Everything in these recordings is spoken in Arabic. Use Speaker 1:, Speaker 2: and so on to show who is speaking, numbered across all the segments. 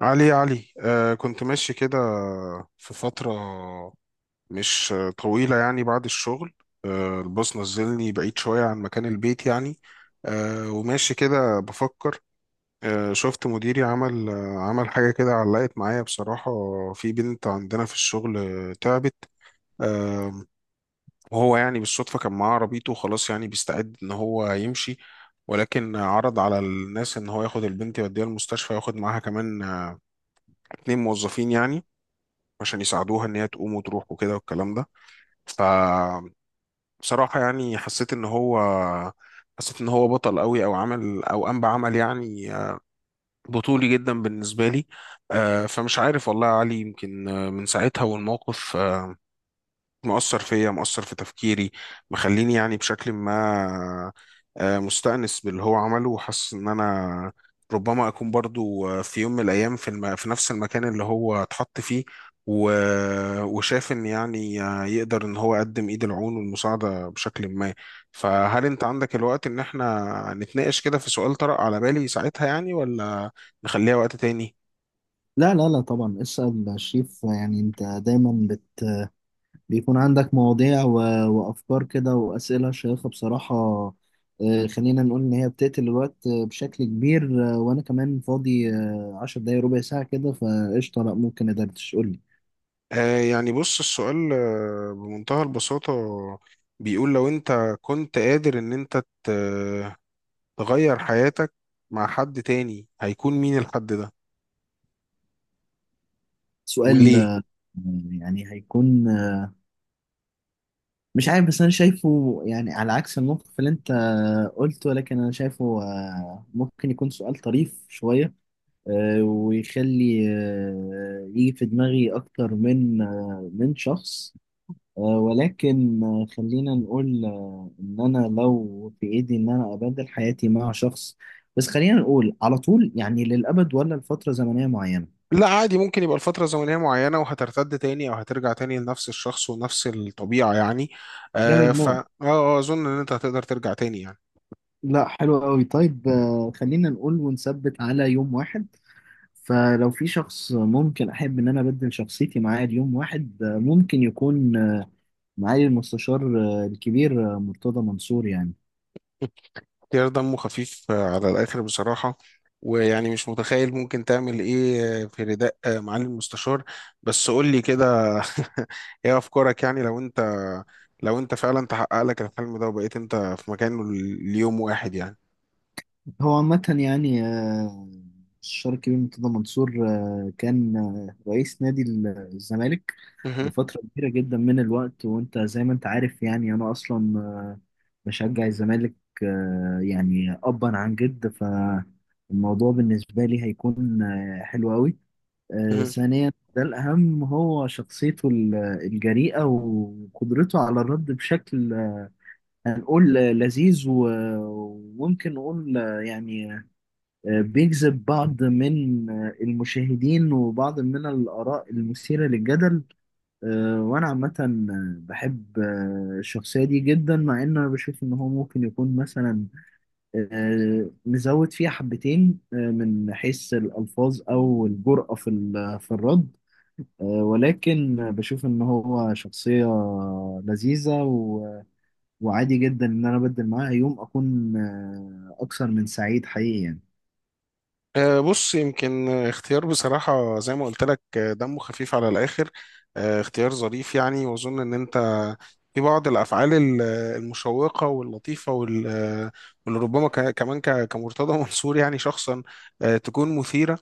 Speaker 1: علي، علي، كنت ماشي كده في فترة مش طويلة، يعني بعد الشغل. الباص نزلني بعيد شوية عن مكان البيت، يعني. وماشي كده بفكر. شفت مديري عمل حاجة كده، علقت معايا بصراحة. في بنت عندنا في الشغل، تعبت. آه وهو يعني بالصدفة كان معاه عربيته، وخلاص يعني بيستعد إن هو يمشي. ولكن عرض على الناس إن هو ياخد البنت يوديها المستشفى، ياخد معاها كمان اتنين موظفين، يعني، عشان يساعدوها ان هي تقوم وتروح وكده والكلام ده. ف بصراحة يعني، حسيت ان هو بطل قوي، او عمل، او قام بعمل، يعني، بطولي جدا بالنسبة لي. فمش عارف والله يا علي، يمكن، من ساعتها، والموقف مؤثر فيا، مؤثر في تفكيري، مخليني يعني بشكل ما مستأنس باللي هو عمله، وحاسس ان انا ربما اكون برضو، في يوم من الايام، في نفس المكان اللي هو اتحط فيه، و... وشاف ان يعني يقدر ان هو يقدم ايد العون والمساعدة بشكل ما. فهل انت عندك الوقت ان احنا نتناقش كده في سؤال طرأ على بالي ساعتها، يعني، ولا نخليها وقت تاني؟
Speaker 2: لا لا لا طبعا اسأل شريف. يعني انت دايما بيكون عندك مواضيع وافكار كده واسئلة شيقة بصراحة. خلينا نقول ان هي بتقتل الوقت بشكل كبير، وانا كمان فاضي عشر دقايق ربع ساعة كده فقشطة، لا ممكن ادردش، قول لي
Speaker 1: يعني بص، السؤال بمنتهى البساطة، بيقول لو انت كنت قادر ان انت ت- تغير حياتك مع حد تاني، هيكون مين الحد ده
Speaker 2: سؤال.
Speaker 1: وليه؟
Speaker 2: يعني هيكون مش عارف، بس انا شايفه يعني على عكس الموقف اللي انت قلته، لكن انا شايفه ممكن يكون سؤال طريف شوية ويخلي يجي في دماغي أكتر من من شخص. ولكن خلينا نقول إن أنا لو في إيدي إن أنا أبدل حياتي مع شخص، بس خلينا نقول على طول يعني للأبد ولا لفترة زمنية معينة.
Speaker 1: لا، عادي، ممكن يبقى لفترة زمنية معينة وهترتد تاني او هترجع تاني لنفس الشخص ونفس الطبيعة، يعني.
Speaker 2: جامد
Speaker 1: آه، ف
Speaker 2: موت.
Speaker 1: اه آه، اظن ان انت هتقدر ترجع تاني، يعني.
Speaker 2: لا حلو قوي. طيب خلينا نقول ونثبت على يوم واحد. فلو في شخص ممكن أحب إن أنا أبدل شخصيتي معاه ليوم واحد، ممكن يكون معالي المستشار الكبير مرتضى منصور يعني.
Speaker 1: اختيار دمه خفيف على الآخر، بصراحة. ويعني مش متخيل ممكن تعمل إيه في رداء معالي المستشار. بس قول لي كده. إيه أفكارك، يعني، لو أنت فعلا تحقق لك الحلم ده وبقيت أنت في مكانه ليوم واحد، يعني.
Speaker 2: هو عامة يعني الشارك الكبير مرتضى منصور كان رئيس نادي الزمالك
Speaker 1: مهم.
Speaker 2: لفترة كبيرة جدا من الوقت، وانت زي ما انت عارف يعني انا اصلا بشجع الزمالك. يعني ابا عن جد فالموضوع بالنسبة لي هيكون حلو قوي.
Speaker 1: مهم.
Speaker 2: ثانيا ده الأهم، هو شخصيته الجريئة وقدرته على الرد بشكل هنقول لذيذ وممكن نقول يعني بيجذب بعض من المشاهدين وبعض من الآراء المثيرة للجدل. وأنا عامة بحب الشخصية دي جدا، مع إن أنا بشوف إن هو ممكن يكون مثلا مزود فيها حبتين من حيث الألفاظ أو الجرأة في في الرد، ولكن بشوف إن هو شخصية لذيذة وعادي جدا إن أنا أبدل معاها يوم. أكون أكثر من سعيد حقيقي يعني.
Speaker 1: بص، يمكن اختيار بصراحة زي ما قلت لك دمه خفيف على الآخر. اختيار ظريف، يعني، وأظن إن أنت في بعض الأفعال المشوقة واللطيفة واللي ربما كمان كمرتضى منصور، يعني، شخصا تكون مثيرة،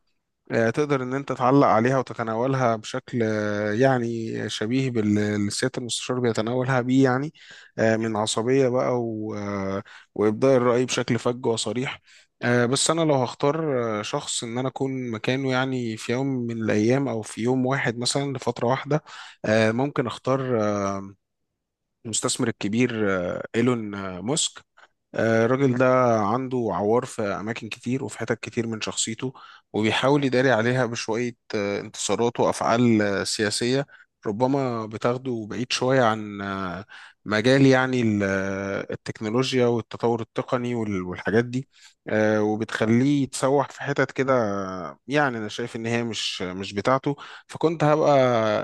Speaker 1: تقدر ان انت تعلق عليها وتتناولها بشكل يعني شبيه بالسيادة المستشار بيتناولها بيه، يعني من عصبية بقى، وإبداء الرأي بشكل فج وصريح. بس أنا لو هختار شخص إن أنا أكون مكانه، يعني في يوم من الأيام، أو في يوم واحد مثلا لفترة واحدة، ممكن أختار المستثمر الكبير إيلون ماسك. الراجل ده عنده عوار في أماكن كتير، وفي حتت كتير من شخصيته، وبيحاول يداري عليها بشوية انتصارات وأفعال سياسية، ربما بتاخده بعيد شوية عن مجال يعني التكنولوجيا والتطور التقني والحاجات دي. وبتخليه يتسوح في حتت كده. يعني أنا شايف إن هي مش بتاعته، فكنت هبقى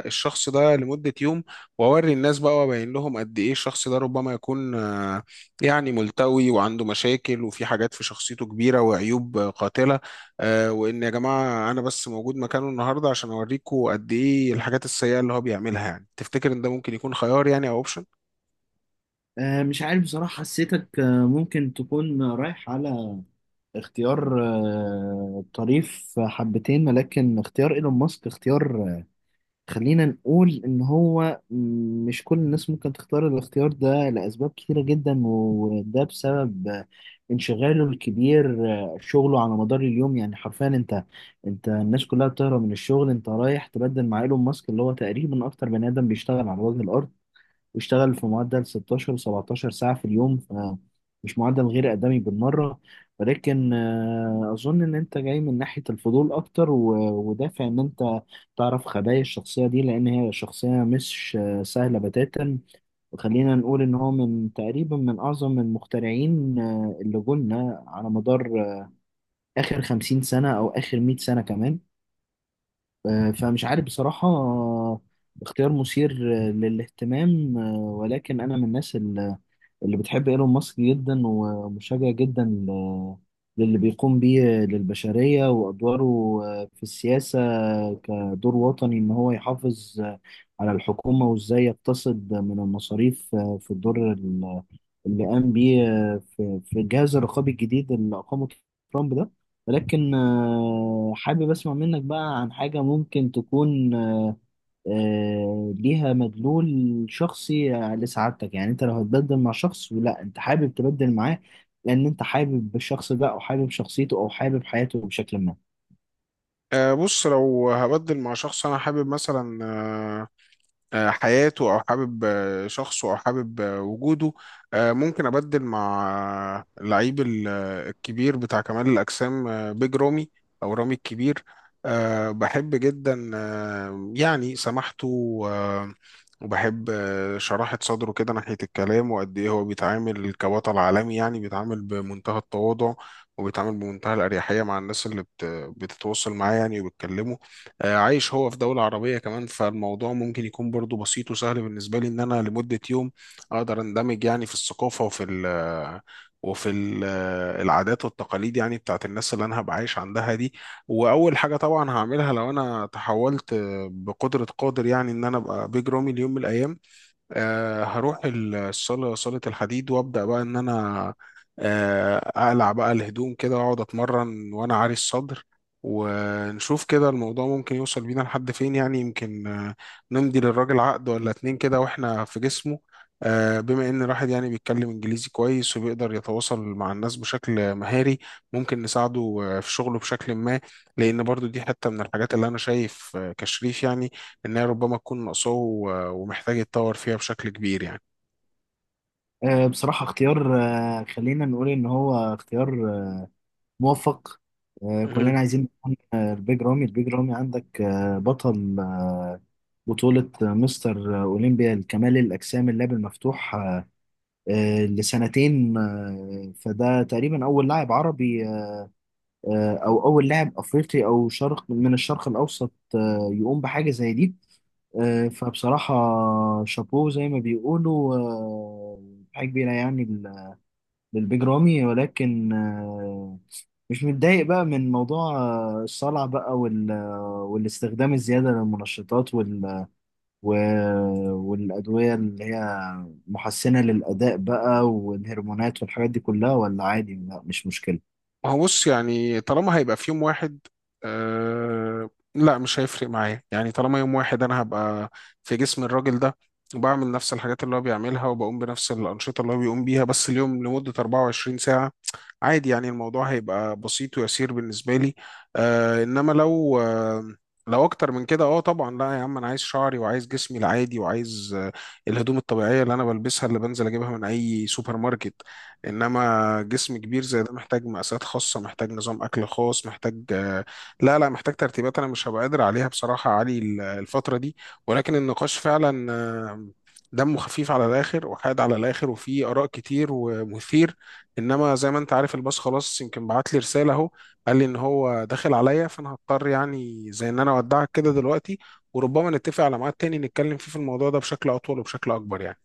Speaker 1: الشخص ده لمدة يوم، وأوري الناس بقى وأبين لهم قد إيه الشخص ده ربما يكون يعني ملتوي وعنده مشاكل وفي حاجات في شخصيته كبيرة وعيوب قاتلة، وإن يا جماعة أنا بس موجود مكانه النهاردة عشان أوريكم قد إيه الحاجات السيئة اللي هو بيعملها، يعني. تفتكر إن ده ممكن يكون خيار، يعني، أو أوبشن؟
Speaker 2: مش عارف بصراحة، حسيتك ممكن تكون رايح على اختيار طريف حبتين، ولكن اختيار ايلون ماسك اختيار خلينا نقول ان هو مش كل الناس ممكن تختار الاختيار ده لأسباب كتيرة جدا، وده بسبب انشغاله الكبير شغله على مدار اليوم. يعني حرفيا انت الناس كلها بتهرب من الشغل، انت رايح تبدل مع ايلون ماسك اللي هو تقريبا اكتر بني ادم بيشتغل على وجه الارض، واشتغل في معدل 16 17 ساعة في اليوم، فمش معدل غير آدمي بالمرة. ولكن أظن إن أنت جاي من ناحية الفضول أكتر ودافع إن أنت تعرف خبايا الشخصية دي، لأن هي شخصية مش سهلة بتاتا. وخلينا نقول إن هو من تقريبا من أعظم المخترعين اللي قلنا على مدار آخر 50 سنة أو آخر 100 سنة كمان. فمش عارف بصراحة، اختيار مثير للاهتمام، ولكن أنا من الناس اللي بتحب ايلون ماسك جدا، ومشجع جدا للي بيقوم بيه للبشرية وأدواره في السياسة كدور وطني، إن هو يحافظ على الحكومة وإزاي يقتصد من المصاريف في الدور اللي قام بيه في الجهاز الرقابي الجديد اللي أقامه ترامب ده. ولكن حابب أسمع منك بقى عن حاجة ممكن تكون ليها مدلول شخصي لسعادتك. يعني انت لو هتبدل مع شخص، ولا انت حابب تبدل معاه لان انت حابب الشخص ده، او حابب شخصيته، او حابب حياته بشكل ما؟
Speaker 1: بص، لو هبدل مع شخص أنا حابب مثلا حياته، او حابب شخصه، او حابب وجوده، ممكن ابدل مع اللعيب الكبير بتاع كمال الاجسام، بيج رامي، او رامي الكبير. بحب جدا يعني سماحته، وبحب شراحة صدره كده ناحية الكلام، وقد ايه هو بيتعامل كبطل عالمي، يعني بيتعامل بمنتهى التواضع، وبيتعامل بمنتهى الأريحية مع الناس اللي بتتواصل معاه، يعني، وبتكلمه. عايش هو في دولة عربية كمان، فالموضوع ممكن يكون برضو بسيط وسهل بالنسبة لي إن أنا لمدة يوم أقدر أندمج يعني في الثقافة، وفي ال آه، وفي العادات والتقاليد يعني بتاعت الناس اللي أنا هبقى عايش عندها دي. وأول حاجة طبعا هعملها لو أنا تحولت بقدرة قادر يعني إن أنا أبقى بيج رامي ليوم من الأيام، هروح الصالة، صالة الحديد، وأبدأ بقى إن أنا أقلع بقى الهدوم كده وأقعد أتمرن وأنا عاري الصدر، ونشوف كده الموضوع ممكن يوصل بينا لحد فين، يعني يمكن نمضي للراجل عقد ولا اتنين كده وإحنا في جسمه. بما إن الواحد يعني بيتكلم إنجليزي كويس وبيقدر يتواصل مع الناس بشكل مهاري، ممكن نساعده في شغله بشكل ما، لأن برضو دي حتة من الحاجات اللي أنا شايف كشريف يعني ان هي ربما تكون ناقصاه، ومحتاج يتطور فيها بشكل كبير، يعني.
Speaker 2: بصراحة اختيار خلينا نقول ان هو اختيار موفق.
Speaker 1: مهم.
Speaker 2: كلنا عايزين نكون، البيج رامي. البيج رامي عندك بطل بطولة مستر أولمبيا لكمال الأجسام اللعب المفتوح لسنتين، فده تقريبا أول لاعب عربي او اول لاعب افريقي او شرق من الشرق الاوسط يقوم بحاجه زي دي. فبصراحه شابوه زي ما بيقولوا. حاجه كبيره يعني للبيج رامي. ولكن مش متضايق بقى من موضوع الصلع بقى وال والاستخدام الزياده للمنشطات وال والادويه اللي هي محسنه للاداء بقى والهرمونات والحاجات دي كلها، ولا عادي لا مش مشكله؟
Speaker 1: ما هو بص، يعني، طالما هيبقى في يوم واحد، آه لا، مش هيفرق معايا، يعني، طالما يوم واحد انا هبقى في جسم الراجل ده، وبعمل نفس الحاجات اللي هو بيعملها، وبقوم بنفس الأنشطة اللي هو بيقوم بيها، بس اليوم لمدة 24 ساعة. عادي يعني، الموضوع هيبقى بسيط ويسير بالنسبة لي. إنما لو لو أكتر من كده، طبعا لا يا عم، أنا عايز شعري، وعايز جسمي العادي، وعايز الهدوم الطبيعية اللي أنا بلبسها، اللي بنزل أجيبها من أي سوبر ماركت. إنما جسم كبير زي ده محتاج مقاسات خاصة، محتاج نظام أكل خاص، محتاج لا لا، محتاج ترتيبات، أنا مش هبقى قادر عليها بصراحة يا علي الفترة دي. ولكن النقاش فعلا دمه خفيف على الآخر، وحاد على الآخر، وفيه آراء كتير، ومثير. انما زي ما انت عارف، الباص خلاص يمكن بعت لي رساله اهو، قال لي ان هو داخل عليا، فانا هضطر يعني زي ان انا اودعك كده دلوقتي، وربما نتفق على ميعاد تاني نتكلم فيه في الموضوع ده بشكل اطول وبشكل اكبر، يعني.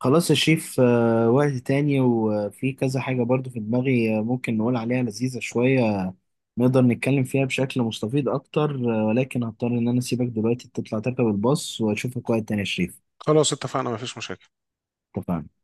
Speaker 2: خلاص يا شيف وقت تاني، وفي كذا حاجة برضو في دماغي ممكن نقول عليها لذيذة شوية نقدر نتكلم فيها بشكل مستفيض أكتر. ولكن هضطر إن أنا أسيبك دلوقتي تطلع تركب الباص، وأشوفك وقت تاني يا شريف.
Speaker 1: خلاص، اتفقنا، مفيش مشاكل.
Speaker 2: اتفقنا.